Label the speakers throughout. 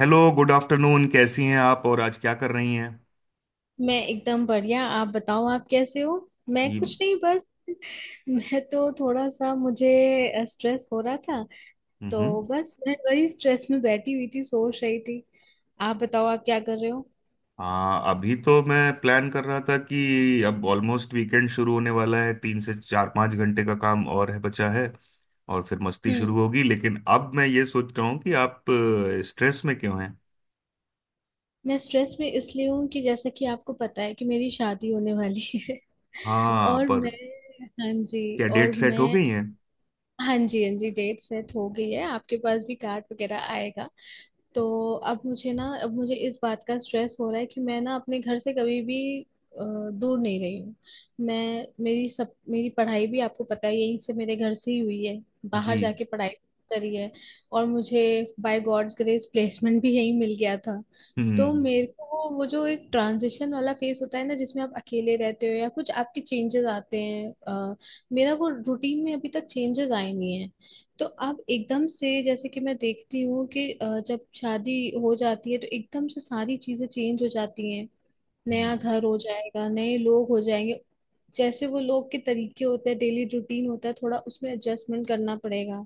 Speaker 1: Hello, good afternoon. कैसी हैं आप और आज क्या कर रही हैं?
Speaker 2: मैं एकदम बढ़िया। आप बताओ आप कैसे हो। मैं
Speaker 1: ये
Speaker 2: कुछ नहीं, बस मैं तो थोड़ा सा मुझे स्ट्रेस हो रहा था।
Speaker 1: हम्म।
Speaker 2: तो बस मैं वही स्ट्रेस में बैठी हुई थी, सोच रही थी। आप बताओ आप क्या कर रहे हो।
Speaker 1: हाँ, अभी तो मैं प्लान कर रहा था कि अब ऑलमोस्ट वीकेंड शुरू होने वाला है। 3 से 4 5 घंटे का काम और है बचा है, और फिर मस्ती
Speaker 2: हम्म।
Speaker 1: शुरू होगी। लेकिन अब मैं ये सोच रहा हूँ कि आप स्ट्रेस में क्यों हैं?
Speaker 2: मैं स्ट्रेस में इसलिए हूँ कि जैसा कि आपको पता है कि मेरी शादी होने वाली है।
Speaker 1: हाँ,
Speaker 2: और
Speaker 1: पर
Speaker 2: मैं, हाँ जी,
Speaker 1: क्या
Speaker 2: और
Speaker 1: डेट सेट हो
Speaker 2: मैं,
Speaker 1: गई है?
Speaker 2: हाँ जी, हाँ जी, डेट सेट हो गई है। आपके पास भी कार्ड वगैरह आएगा। तो अब मुझे ना, अब मुझे इस बात का स्ट्रेस हो रहा है कि मैं ना अपने घर से कभी भी दूर नहीं रही हूँ। मैं, मेरी सब, मेरी पढ़ाई भी आपको पता है यहीं से, मेरे घर से ही हुई है।
Speaker 1: जी।
Speaker 2: बाहर जाके पढ़ाई करी है। और मुझे बाय गॉड्स ग्रेस प्लेसमेंट भी यहीं मिल गया था। तो
Speaker 1: हम्म।
Speaker 2: मेरे को वो जो एक ट्रांजिशन वाला फेस होता है ना, जिसमें आप अकेले रहते हो या कुछ आपके चेंजेस आते हैं। मेरा वो रूटीन में अभी तक चेंजेस आए नहीं। तो अब एकदम से, जैसे कि मैं देखती हूँ कि जब शादी हो जाती है तो एकदम से सारी चीजें चेंज हो जाती हैं।
Speaker 1: हम्म।
Speaker 2: नया घर हो जाएगा, नए लोग हो जाएंगे। जैसे वो लोग के तरीके होते हैं, डेली रूटीन होता है, थोड़ा उसमें एडजस्टमेंट करना पड़ेगा।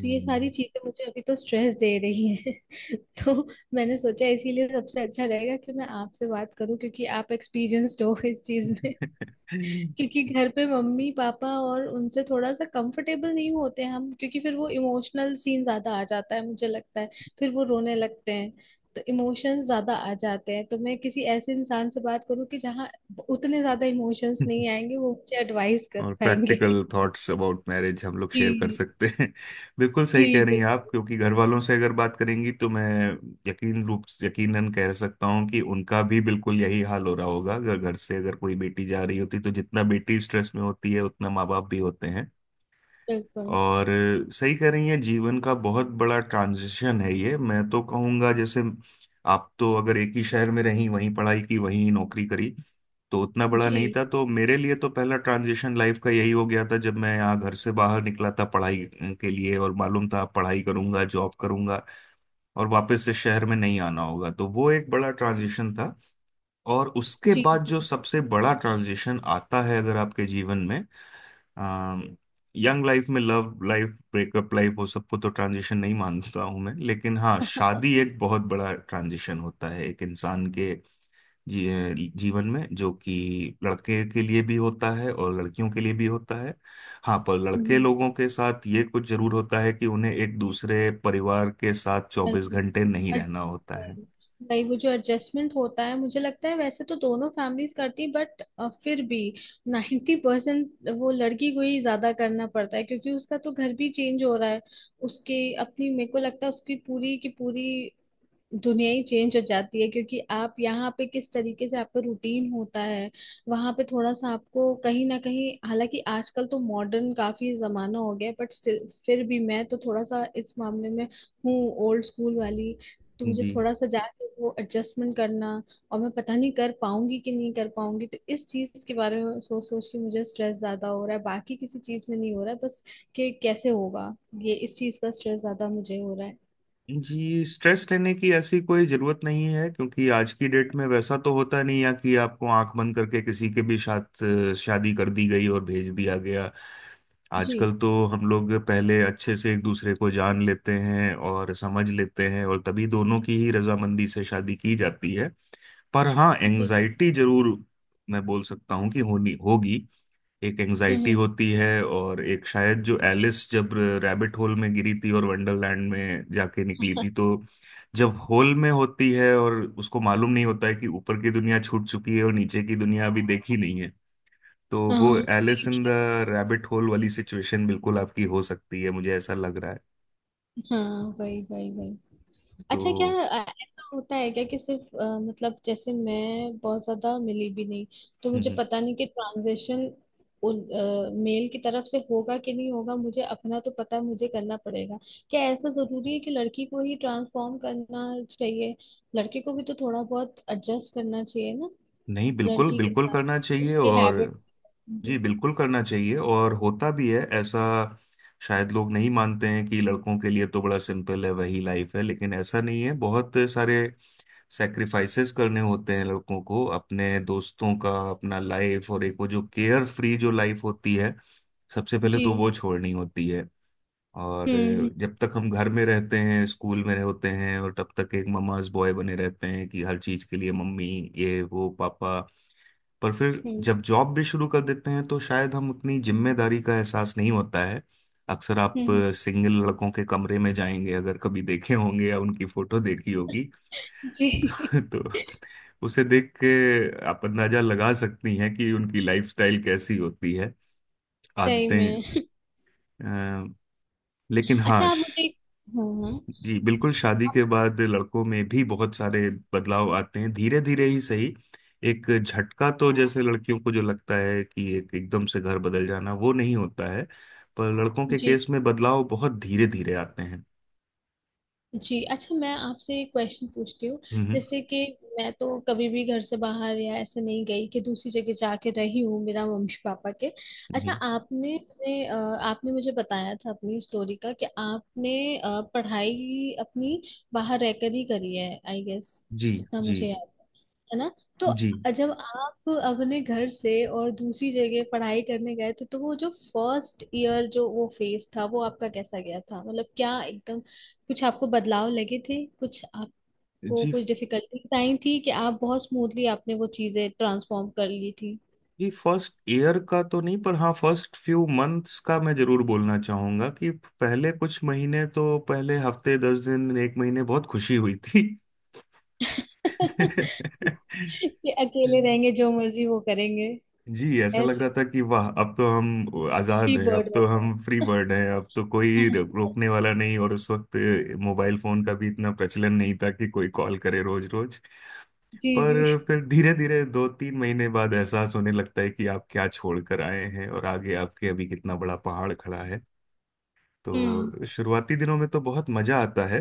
Speaker 2: तो ये सारी चीजें मुझे अभी तो स्ट्रेस दे रही हैं। तो मैंने सोचा, इसीलिए सबसे अच्छा रहेगा कि मैं आपसे बात करूं, क्योंकि आप एक्सपीरियंस्ड हो इस चीज में। क्योंकि घर पे मम्मी पापा, और उनसे थोड़ा सा कंफर्टेबल नहीं होते हम, क्योंकि फिर वो इमोशनल सीन ज्यादा आ जाता है, मुझे लगता है, फिर वो रोने लगते हैं। तो इमोशंस ज्यादा आ जाते हैं, तो मैं किसी ऐसे इंसान से बात करूं कि जहाँ उतने ज्यादा इमोशंस नहीं आएंगे, वो मुझे एडवाइस कर
Speaker 1: और
Speaker 2: पाएंगे।
Speaker 1: प्रैक्टिकल थॉट्स अबाउट मैरिज हम लोग शेयर कर
Speaker 2: जी।
Speaker 1: सकते हैं। बिल्कुल
Speaker 2: जी,
Speaker 1: सही कह रही हैं आप,
Speaker 2: बिल्कुल।
Speaker 1: क्योंकि घर वालों से अगर बात करेंगी तो मैं यकीनन कह सकता हूँ कि उनका भी बिल्कुल यही हाल हो रहा होगा। अगर घर से अगर कोई बेटी जा रही होती, तो जितना बेटी स्ट्रेस में होती है उतना माँ बाप भी होते हैं।
Speaker 2: बिल्कुल।
Speaker 1: और सही कह रही हैं, जीवन का बहुत बड़ा ट्रांजिशन है ये। मैं तो कहूँगा जैसे आप तो अगर एक ही शहर में रहीं, वहीं पढ़ाई की, वहीं नौकरी करी, तो उतना बड़ा
Speaker 2: जी।
Speaker 1: नहीं था। तो मेरे लिए तो पहला ट्रांजिशन लाइफ का यही हो गया था जब मैं यहाँ घर से बाहर निकला था पढ़ाई के लिए। और मालूम था पढ़ाई करूंगा, जॉब करूंगा और वापस से शहर में नहीं आना होगा, तो वो एक बड़ा ट्रांजिशन था। और उसके
Speaker 2: जी।
Speaker 1: बाद
Speaker 2: जी।
Speaker 1: जो सबसे बड़ा ट्रांजिशन आता है अगर आपके जीवन में, अम, यंग लाइफ में लव लाइफ, ब्रेकअप लाइफ, वो सबको तो ट्रांजिशन नहीं मानता हूं मैं, लेकिन हाँ, शादी एक बहुत बड़ा ट्रांजिशन होता है एक इंसान के जी जीवन में, जो कि लड़के के लिए भी होता है और लड़कियों के लिए भी होता है। हाँ, पर लड़के
Speaker 2: हम्म।
Speaker 1: लोगों के साथ ये कुछ जरूर होता है कि उन्हें एक दूसरे परिवार के साथ 24 घंटे नहीं रहना होता है।
Speaker 2: भाई, वो जो एडजस्टमेंट होता है, मुझे लगता है वैसे तो दोनों फैमिलीज करती है, बट फिर भी 90% वो लड़की को ही ज्यादा करना पड़ता है, क्योंकि उसका तो घर भी चेंज हो रहा है। उसके अपनी, मेरे को लगता है उसकी पूरी की पूरी दुनिया ही चेंज हो जाती है, क्योंकि आप यहाँ पे किस तरीके से, आपका रूटीन होता है, वहां पे थोड़ा सा आपको कहीं ना कहीं, हालांकि आजकल तो मॉडर्न काफी जमाना हो गया, बट स्टिल, फिर भी मैं तो थोड़ा सा इस मामले में हूँ, ओल्ड स्कूल वाली। तो मुझे
Speaker 1: जी।
Speaker 2: थोड़ा सा जाके वो एडजस्टमेंट करना, और मैं पता नहीं कर पाऊंगी कि नहीं कर पाऊंगी, तो इस चीज के बारे में सोच सोच के मुझे स्ट्रेस ज्यादा हो रहा है, बाकी किसी चीज में नहीं हो रहा है, बस कि कैसे होगा। ये इस चीज का स्ट्रेस ज्यादा मुझे हो रहा है।
Speaker 1: जी, स्ट्रेस लेने की ऐसी कोई जरूरत नहीं है क्योंकि आज की डेट में वैसा तो होता नहीं है कि आपको आंख बंद करके किसी के भी साथ शादी कर दी गई और भेज दिया गया।
Speaker 2: जी।
Speaker 1: आजकल तो हम लोग पहले अच्छे से एक दूसरे को जान लेते हैं और समझ लेते हैं, और तभी दोनों की ही रजामंदी से शादी की जाती है। पर हाँ,
Speaker 2: जी।
Speaker 1: एंजाइटी जरूर मैं बोल सकता हूँ कि होनी होगी। एक
Speaker 2: हम्म।
Speaker 1: एंजाइटी
Speaker 2: हम्म।
Speaker 1: होती है, और एक शायद जो एलिस जब रैबिट होल में गिरी थी और वंडरलैंड में जाके निकली थी, तो जब होल में होती है और उसको मालूम नहीं होता है कि ऊपर की दुनिया छूट चुकी है और नीचे की दुनिया अभी देखी नहीं है, तो वो
Speaker 2: हाँ,
Speaker 1: एलिस
Speaker 2: ठीक
Speaker 1: इन द
Speaker 2: है।
Speaker 1: रैबिट होल वाली सिचुएशन बिल्कुल आपकी हो सकती है, मुझे ऐसा लग रहा है।
Speaker 2: हाँ, वही वही वही। अच्छा, क्या
Speaker 1: तो
Speaker 2: ऐसा होता है क्या कि सिर्फ मतलब, जैसे मैं बहुत ज्यादा मिली भी नहीं, तो
Speaker 1: हम्म।
Speaker 2: मुझे
Speaker 1: हम्म।
Speaker 2: पता नहीं कि ट्रांजेक्शन उन मेल की तरफ से होगा कि नहीं होगा। मुझे अपना तो पता है, मुझे करना पड़ेगा। क्या ऐसा जरूरी है कि लड़की को ही ट्रांसफॉर्म करना चाहिए, लड़के को भी तो थोड़ा बहुत एडजस्ट करना चाहिए ना,
Speaker 1: नहीं, बिल्कुल
Speaker 2: लड़की के
Speaker 1: बिल्कुल
Speaker 2: साथ,
Speaker 1: करना चाहिए।
Speaker 2: उसके
Speaker 1: और
Speaker 2: हैबिट।
Speaker 1: जी, बिल्कुल करना चाहिए, और होता भी है ऐसा। शायद लोग नहीं मानते हैं कि लड़कों के लिए तो बड़ा सिंपल है वही लाइफ है, लेकिन ऐसा नहीं है। बहुत सारे सेक्रीफाइसेस करने होते हैं लड़कों को। अपने दोस्तों का, अपना लाइफ और एक वो जो केयर फ्री जो लाइफ होती है, सबसे पहले
Speaker 2: जी।
Speaker 1: तो वो छोड़नी होती है। और
Speaker 2: हम्म।
Speaker 1: जब तक हम घर में रहते हैं, स्कूल में होते हैं, और तब तक एक ममाज बॉय बने रहते हैं कि हर चीज के लिए मम्मी, ये वो पापा। पर फिर
Speaker 2: हम्म।
Speaker 1: जब जॉब भी शुरू कर देते हैं, तो शायद हम उतनी जिम्मेदारी का एहसास नहीं होता है। अक्सर आप
Speaker 2: हम्म।
Speaker 1: सिंगल लड़कों के कमरे में जाएंगे अगर कभी, देखे होंगे या उनकी फोटो देखी होगी,
Speaker 2: जी।
Speaker 1: तो उसे देख के आप अंदाजा लगा सकती हैं कि उनकी लाइफस्टाइल कैसी होती है,
Speaker 2: सही
Speaker 1: आदतें।
Speaker 2: में।
Speaker 1: अ, लेकिन
Speaker 2: अच्छा,
Speaker 1: हाँ,
Speaker 2: आप मुझे, हाँ हाँ,
Speaker 1: जी बिल्कुल, शादी के
Speaker 2: आप-
Speaker 1: बाद लड़कों में भी बहुत सारे बदलाव आते हैं, धीरे धीरे ही सही। एक झटका तो जैसे लड़कियों को जो लगता है कि एक एकदम से घर बदल जाना, वो नहीं होता है। पर लड़कों के
Speaker 2: जी।
Speaker 1: केस में बदलाव बहुत धीरे धीरे आते हैं।
Speaker 2: जी, अच्छा मैं आपसे एक क्वेश्चन पूछती हूँ।
Speaker 1: हम्म।
Speaker 2: जैसे कि मैं तो कभी भी घर से बाहर या ऐसे नहीं गई कि दूसरी जगह जाके रही हूँ, मेरा मम्मी पापा के। अच्छा,
Speaker 1: हम्म।
Speaker 2: आपने अपने आपने मुझे बताया था अपनी स्टोरी का कि आपने पढ़ाई अपनी बाहर रहकर ही करी है आई गेस,
Speaker 1: जी।
Speaker 2: जितना मुझे
Speaker 1: जी।
Speaker 2: याद है। है ना। तो
Speaker 1: जी।
Speaker 2: जब आप अपने घर से और दूसरी जगह पढ़ाई करने गए थे, तो वो जो फर्स्ट ईयर, जो वो फेज था, वो आपका कैसा गया था? मतलब क्या एकदम कुछ आपको बदलाव लगे थे, कुछ आपको
Speaker 1: जी।
Speaker 2: कुछ डिफिकल्टीज आई थी, कि आप बहुत स्मूथली आपने वो चीजें ट्रांसफॉर्म कर ली थी?
Speaker 1: जी, फर्स्ट ईयर का तो नहीं, पर हाँ फर्स्ट फ्यू मंथ्स का मैं जरूर बोलना चाहूंगा कि पहले कुछ महीने, तो पहले हफ्ते 10 दिन एक महीने बहुत खुशी हुई थी।
Speaker 2: कि अकेले रहेंगे, जो मर्जी वो करेंगे।
Speaker 1: जी, ऐसा लग
Speaker 2: ऐसे
Speaker 1: रहा था कि वाह, अब तो हम आजाद
Speaker 2: फ्री
Speaker 1: हैं, अब
Speaker 2: बर्ड हो
Speaker 1: तो
Speaker 2: गए।
Speaker 1: हम फ्री बर्ड हैं, अब तो कोई रोकने वाला नहीं। और उस वक्त मोबाइल फोन का भी इतना प्रचलन नहीं था कि कोई कॉल करे रोज रोज।
Speaker 2: जी। जी।
Speaker 1: पर फिर धीरे धीरे, 2 3 महीने बाद, एहसास होने लगता है कि आप क्या छोड़ कर आए हैं और आगे आपके अभी कितना बड़ा पहाड़ खड़ा है।
Speaker 2: हम्म।
Speaker 1: तो शुरुआती दिनों में तो बहुत मजा आता है,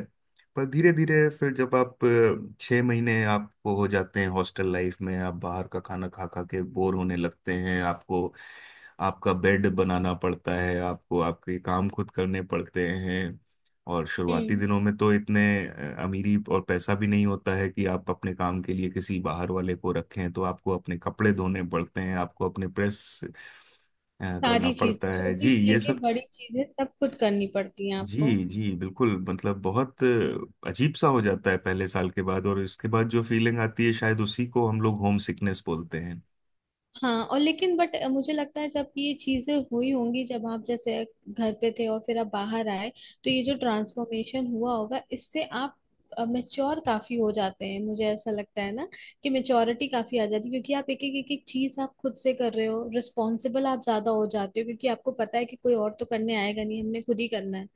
Speaker 1: पर धीरे धीरे फिर जब आप 6 महीने आपको हो जाते हैं हॉस्टल लाइफ में, आप बाहर का खाना खा खा के बोर होने लगते हैं। आपको, आपका बेड बनाना पड़ता है, आपको आपके काम खुद करने पड़ते हैं। और शुरुआती
Speaker 2: हम्म।
Speaker 1: दिनों में तो इतने अमीरी और पैसा भी नहीं होता है कि आप अपने काम के लिए किसी बाहर वाले को रखें, तो आपको अपने कपड़े धोने पड़ते हैं, आपको अपने प्रेस करना
Speaker 2: सारी चीज,
Speaker 1: पड़ता है
Speaker 2: छोटी
Speaker 1: जी
Speaker 2: से
Speaker 1: ये
Speaker 2: लेके
Speaker 1: सब।
Speaker 2: बड़ी चीजें, सब खुद करनी पड़ती हैं आपको।
Speaker 1: जी जी, बिल्कुल, मतलब बहुत अजीब सा हो जाता है पहले साल के बाद। और इसके बाद जो फीलिंग आती है, शायद उसी को हम लोग होम सिकनेस बोलते हैं।
Speaker 2: हाँ, और लेकिन बट मुझे लगता है जब ये चीजें हुई होंगी, जब आप जैसे घर पे थे और फिर आप बाहर आए, तो ये जो ट्रांसफॉर्मेशन हुआ होगा, इससे आप मेच्योर काफी हो जाते हैं, मुझे ऐसा लगता है ना, कि मेच्योरिटी काफी आ जाती है, क्योंकि आप एक एक चीज आप खुद से कर रहे हो, रिस्पॉन्सिबल आप ज्यादा हो जाते हो, क्योंकि आपको पता है कि कोई और तो करने आएगा नहीं, हमने खुद ही करना है।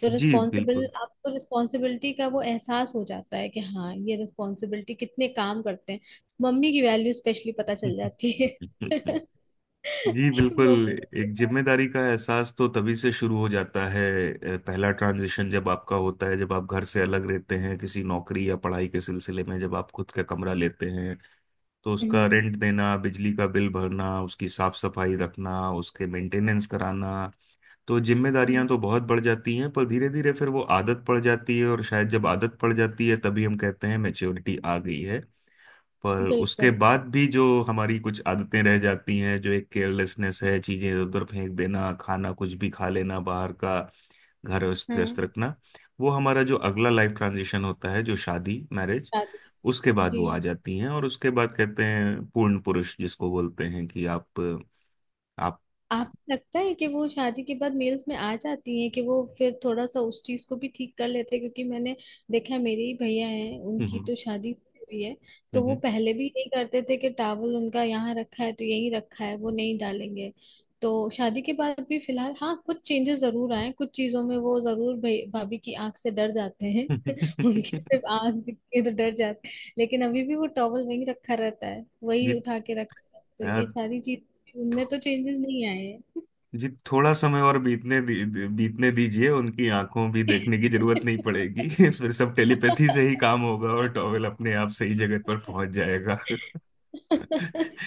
Speaker 2: तो
Speaker 1: जी
Speaker 2: रिस्पॉन्सिबल,
Speaker 1: बिल्कुल।
Speaker 2: आपको रिस्पॉन्सिबिलिटी का वो एहसास हो जाता है कि हाँ, ये रिस्पॉन्सिबिलिटी कितने काम करते हैं। मम्मी की वैल्यू स्पेशली पता चल जाती है।
Speaker 1: जी
Speaker 2: कि
Speaker 1: बिल्कुल।
Speaker 2: मम्मी।
Speaker 1: एक जिम्मेदारी का एहसास तो तभी से शुरू हो जाता है। पहला ट्रांजिशन जब आपका होता है, जब आप घर से अलग रहते हैं किसी नौकरी या पढ़ाई के सिलसिले में, जब आप खुद का कमरा लेते हैं, तो उसका
Speaker 2: हम्म।
Speaker 1: रेंट देना, बिजली का बिल भरना, उसकी साफ सफाई रखना, उसके मेंटेनेंस कराना, तो
Speaker 2: हम्म।
Speaker 1: जिम्मेदारियां तो बहुत बढ़ जाती हैं। पर धीरे धीरे फिर वो आदत पड़ जाती है, और शायद जब आदत पड़ जाती है तभी हम कहते हैं मैच्योरिटी आ गई है। पर उसके
Speaker 2: बिल्कुल।
Speaker 1: बाद भी जो हमारी कुछ आदतें रह जाती हैं, जो एक केयरलेसनेस है, चीजें इधर उधर फेंक देना, खाना कुछ भी खा लेना बाहर का, घर अस्त
Speaker 2: हाँ,
Speaker 1: व्यस्त रखना, वो हमारा जो अगला लाइफ ट्रांजिशन होता है जो शादी मैरिज,
Speaker 2: शादी।
Speaker 1: उसके बाद
Speaker 2: जी,
Speaker 1: वो आ जाती हैं। और उसके बाद कहते हैं पूर्ण पुरुष जिसको बोलते हैं, कि आप आप।
Speaker 2: आपको लगता है कि वो शादी के बाद मेल्स में आ जाती हैं, कि वो फिर थोड़ा सा उस चीज को भी ठीक कर लेते हैं? क्योंकि मैंने देखा है, मेरे ही भैया हैं, उनकी
Speaker 1: हम्म।
Speaker 2: तो शादी हुई है। तो वो
Speaker 1: हम्म।
Speaker 2: पहले भी यही करते थे कि टावल उनका यहाँ रखा है तो यही रखा है, वो नहीं डालेंगे। तो शादी के बाद भी फिलहाल हाँ, कुछ चेंजेस जरूर आए कुछ चीजों में, वो जरूर भाभी की आंख से डर जाते हैं।
Speaker 1: हम्म।
Speaker 2: उनकी सिर्फ आंख दिख के तो डर जाते हैं, लेकिन अभी भी वो टॉवल वही रखा रहता है, वही
Speaker 1: जी,
Speaker 2: उठा के रखता है, तो ये
Speaker 1: यार।
Speaker 2: सारी चीज उनमें तो चेंजेस नहीं आए हैं।
Speaker 1: जी, थोड़ा समय और बीतने दी, दी- बीतने दीजिए, उनकी आंखों भी देखने की जरूरत नहीं पड़ेगी। फिर सब टेलीपैथी से ही काम होगा और टॉवेल अपने आप सही जगह पर पहुंच जाएगा।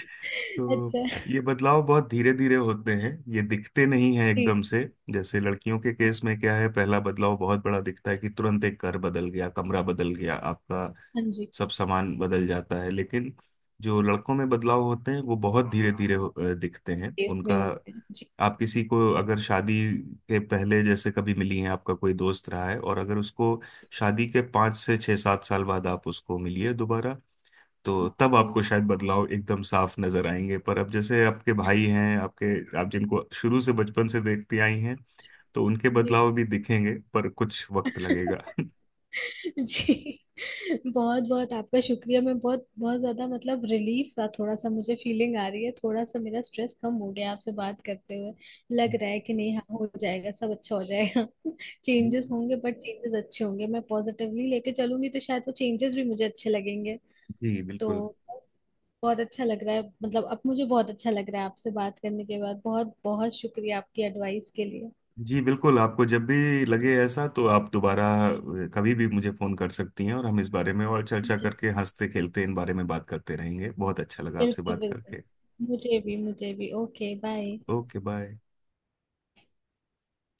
Speaker 1: तो
Speaker 2: अच्छा।
Speaker 1: ये बदलाव बहुत धीरे धीरे होते हैं, ये दिखते नहीं हैं
Speaker 2: ठीक।
Speaker 1: एकदम से। जैसे लड़कियों के केस में क्या है, पहला बदलाव बहुत बड़ा दिखता है कि तुरंत एक घर बदल गया, कमरा बदल गया, आपका
Speaker 2: हाँ जी।
Speaker 1: सब सामान बदल जाता है। लेकिन जो लड़कों में बदलाव होते हैं वो बहुत धीरे धीरे दिखते हैं
Speaker 2: केस में
Speaker 1: उनका।
Speaker 2: होते हैं जी।
Speaker 1: आप किसी को अगर शादी के पहले जैसे कभी मिली हैं, आपका कोई दोस्त रहा है, और अगर उसको शादी के 5 से 6 7 साल बाद आप उसको मिलिए दोबारा, तो तब
Speaker 2: हम्म,
Speaker 1: आपको शायद बदलाव एकदम साफ नजर आएंगे। पर अब जैसे आपके भाई हैं आपके, आप जिनको शुरू से बचपन से देखती आई हैं, तो उनके
Speaker 2: जी।
Speaker 1: बदलाव भी दिखेंगे पर कुछ वक्त लगेगा।
Speaker 2: जी। बहुत बहुत आपका शुक्रिया। मैं बहुत बहुत ज्यादा, मतलब रिलीफ सा थोड़ा सा मुझे फीलिंग आ रही है, थोड़ा सा मेरा स्ट्रेस कम हो गया आपसे बात करते हुए। लग रहा है कि नहीं, हाँ हो जाएगा, सब अच्छा हो जाएगा।
Speaker 1: जी।
Speaker 2: चेंजेस होंगे बट चेंजेस अच्छे होंगे, मैं पॉजिटिवली लेके चलूंगी, तो शायद वो चेंजेस भी मुझे अच्छे लगेंगे।
Speaker 1: जी
Speaker 2: तो
Speaker 1: बिल्कुल।
Speaker 2: बस, बहुत अच्छा लग रहा है, मतलब अब मुझे बहुत अच्छा लग रहा है आपसे बात करने के बाद। बहुत बहुत शुक्रिया आपकी एडवाइस के लिए।
Speaker 1: जी बिल्कुल, आपको जब भी लगे ऐसा, तो आप दोबारा कभी भी मुझे फोन कर सकती हैं, और हम इस बारे में और चर्चा
Speaker 2: बिल्कुल।
Speaker 1: करके, हंसते खेलते इन बारे में बात करते रहेंगे। बहुत अच्छा लगा आपसे
Speaker 2: बिल्कुल,
Speaker 1: बात
Speaker 2: बिल्कुल।
Speaker 1: करके।
Speaker 2: मुझे भी, मुझे भी। Okay, bye.
Speaker 1: Okay, bye.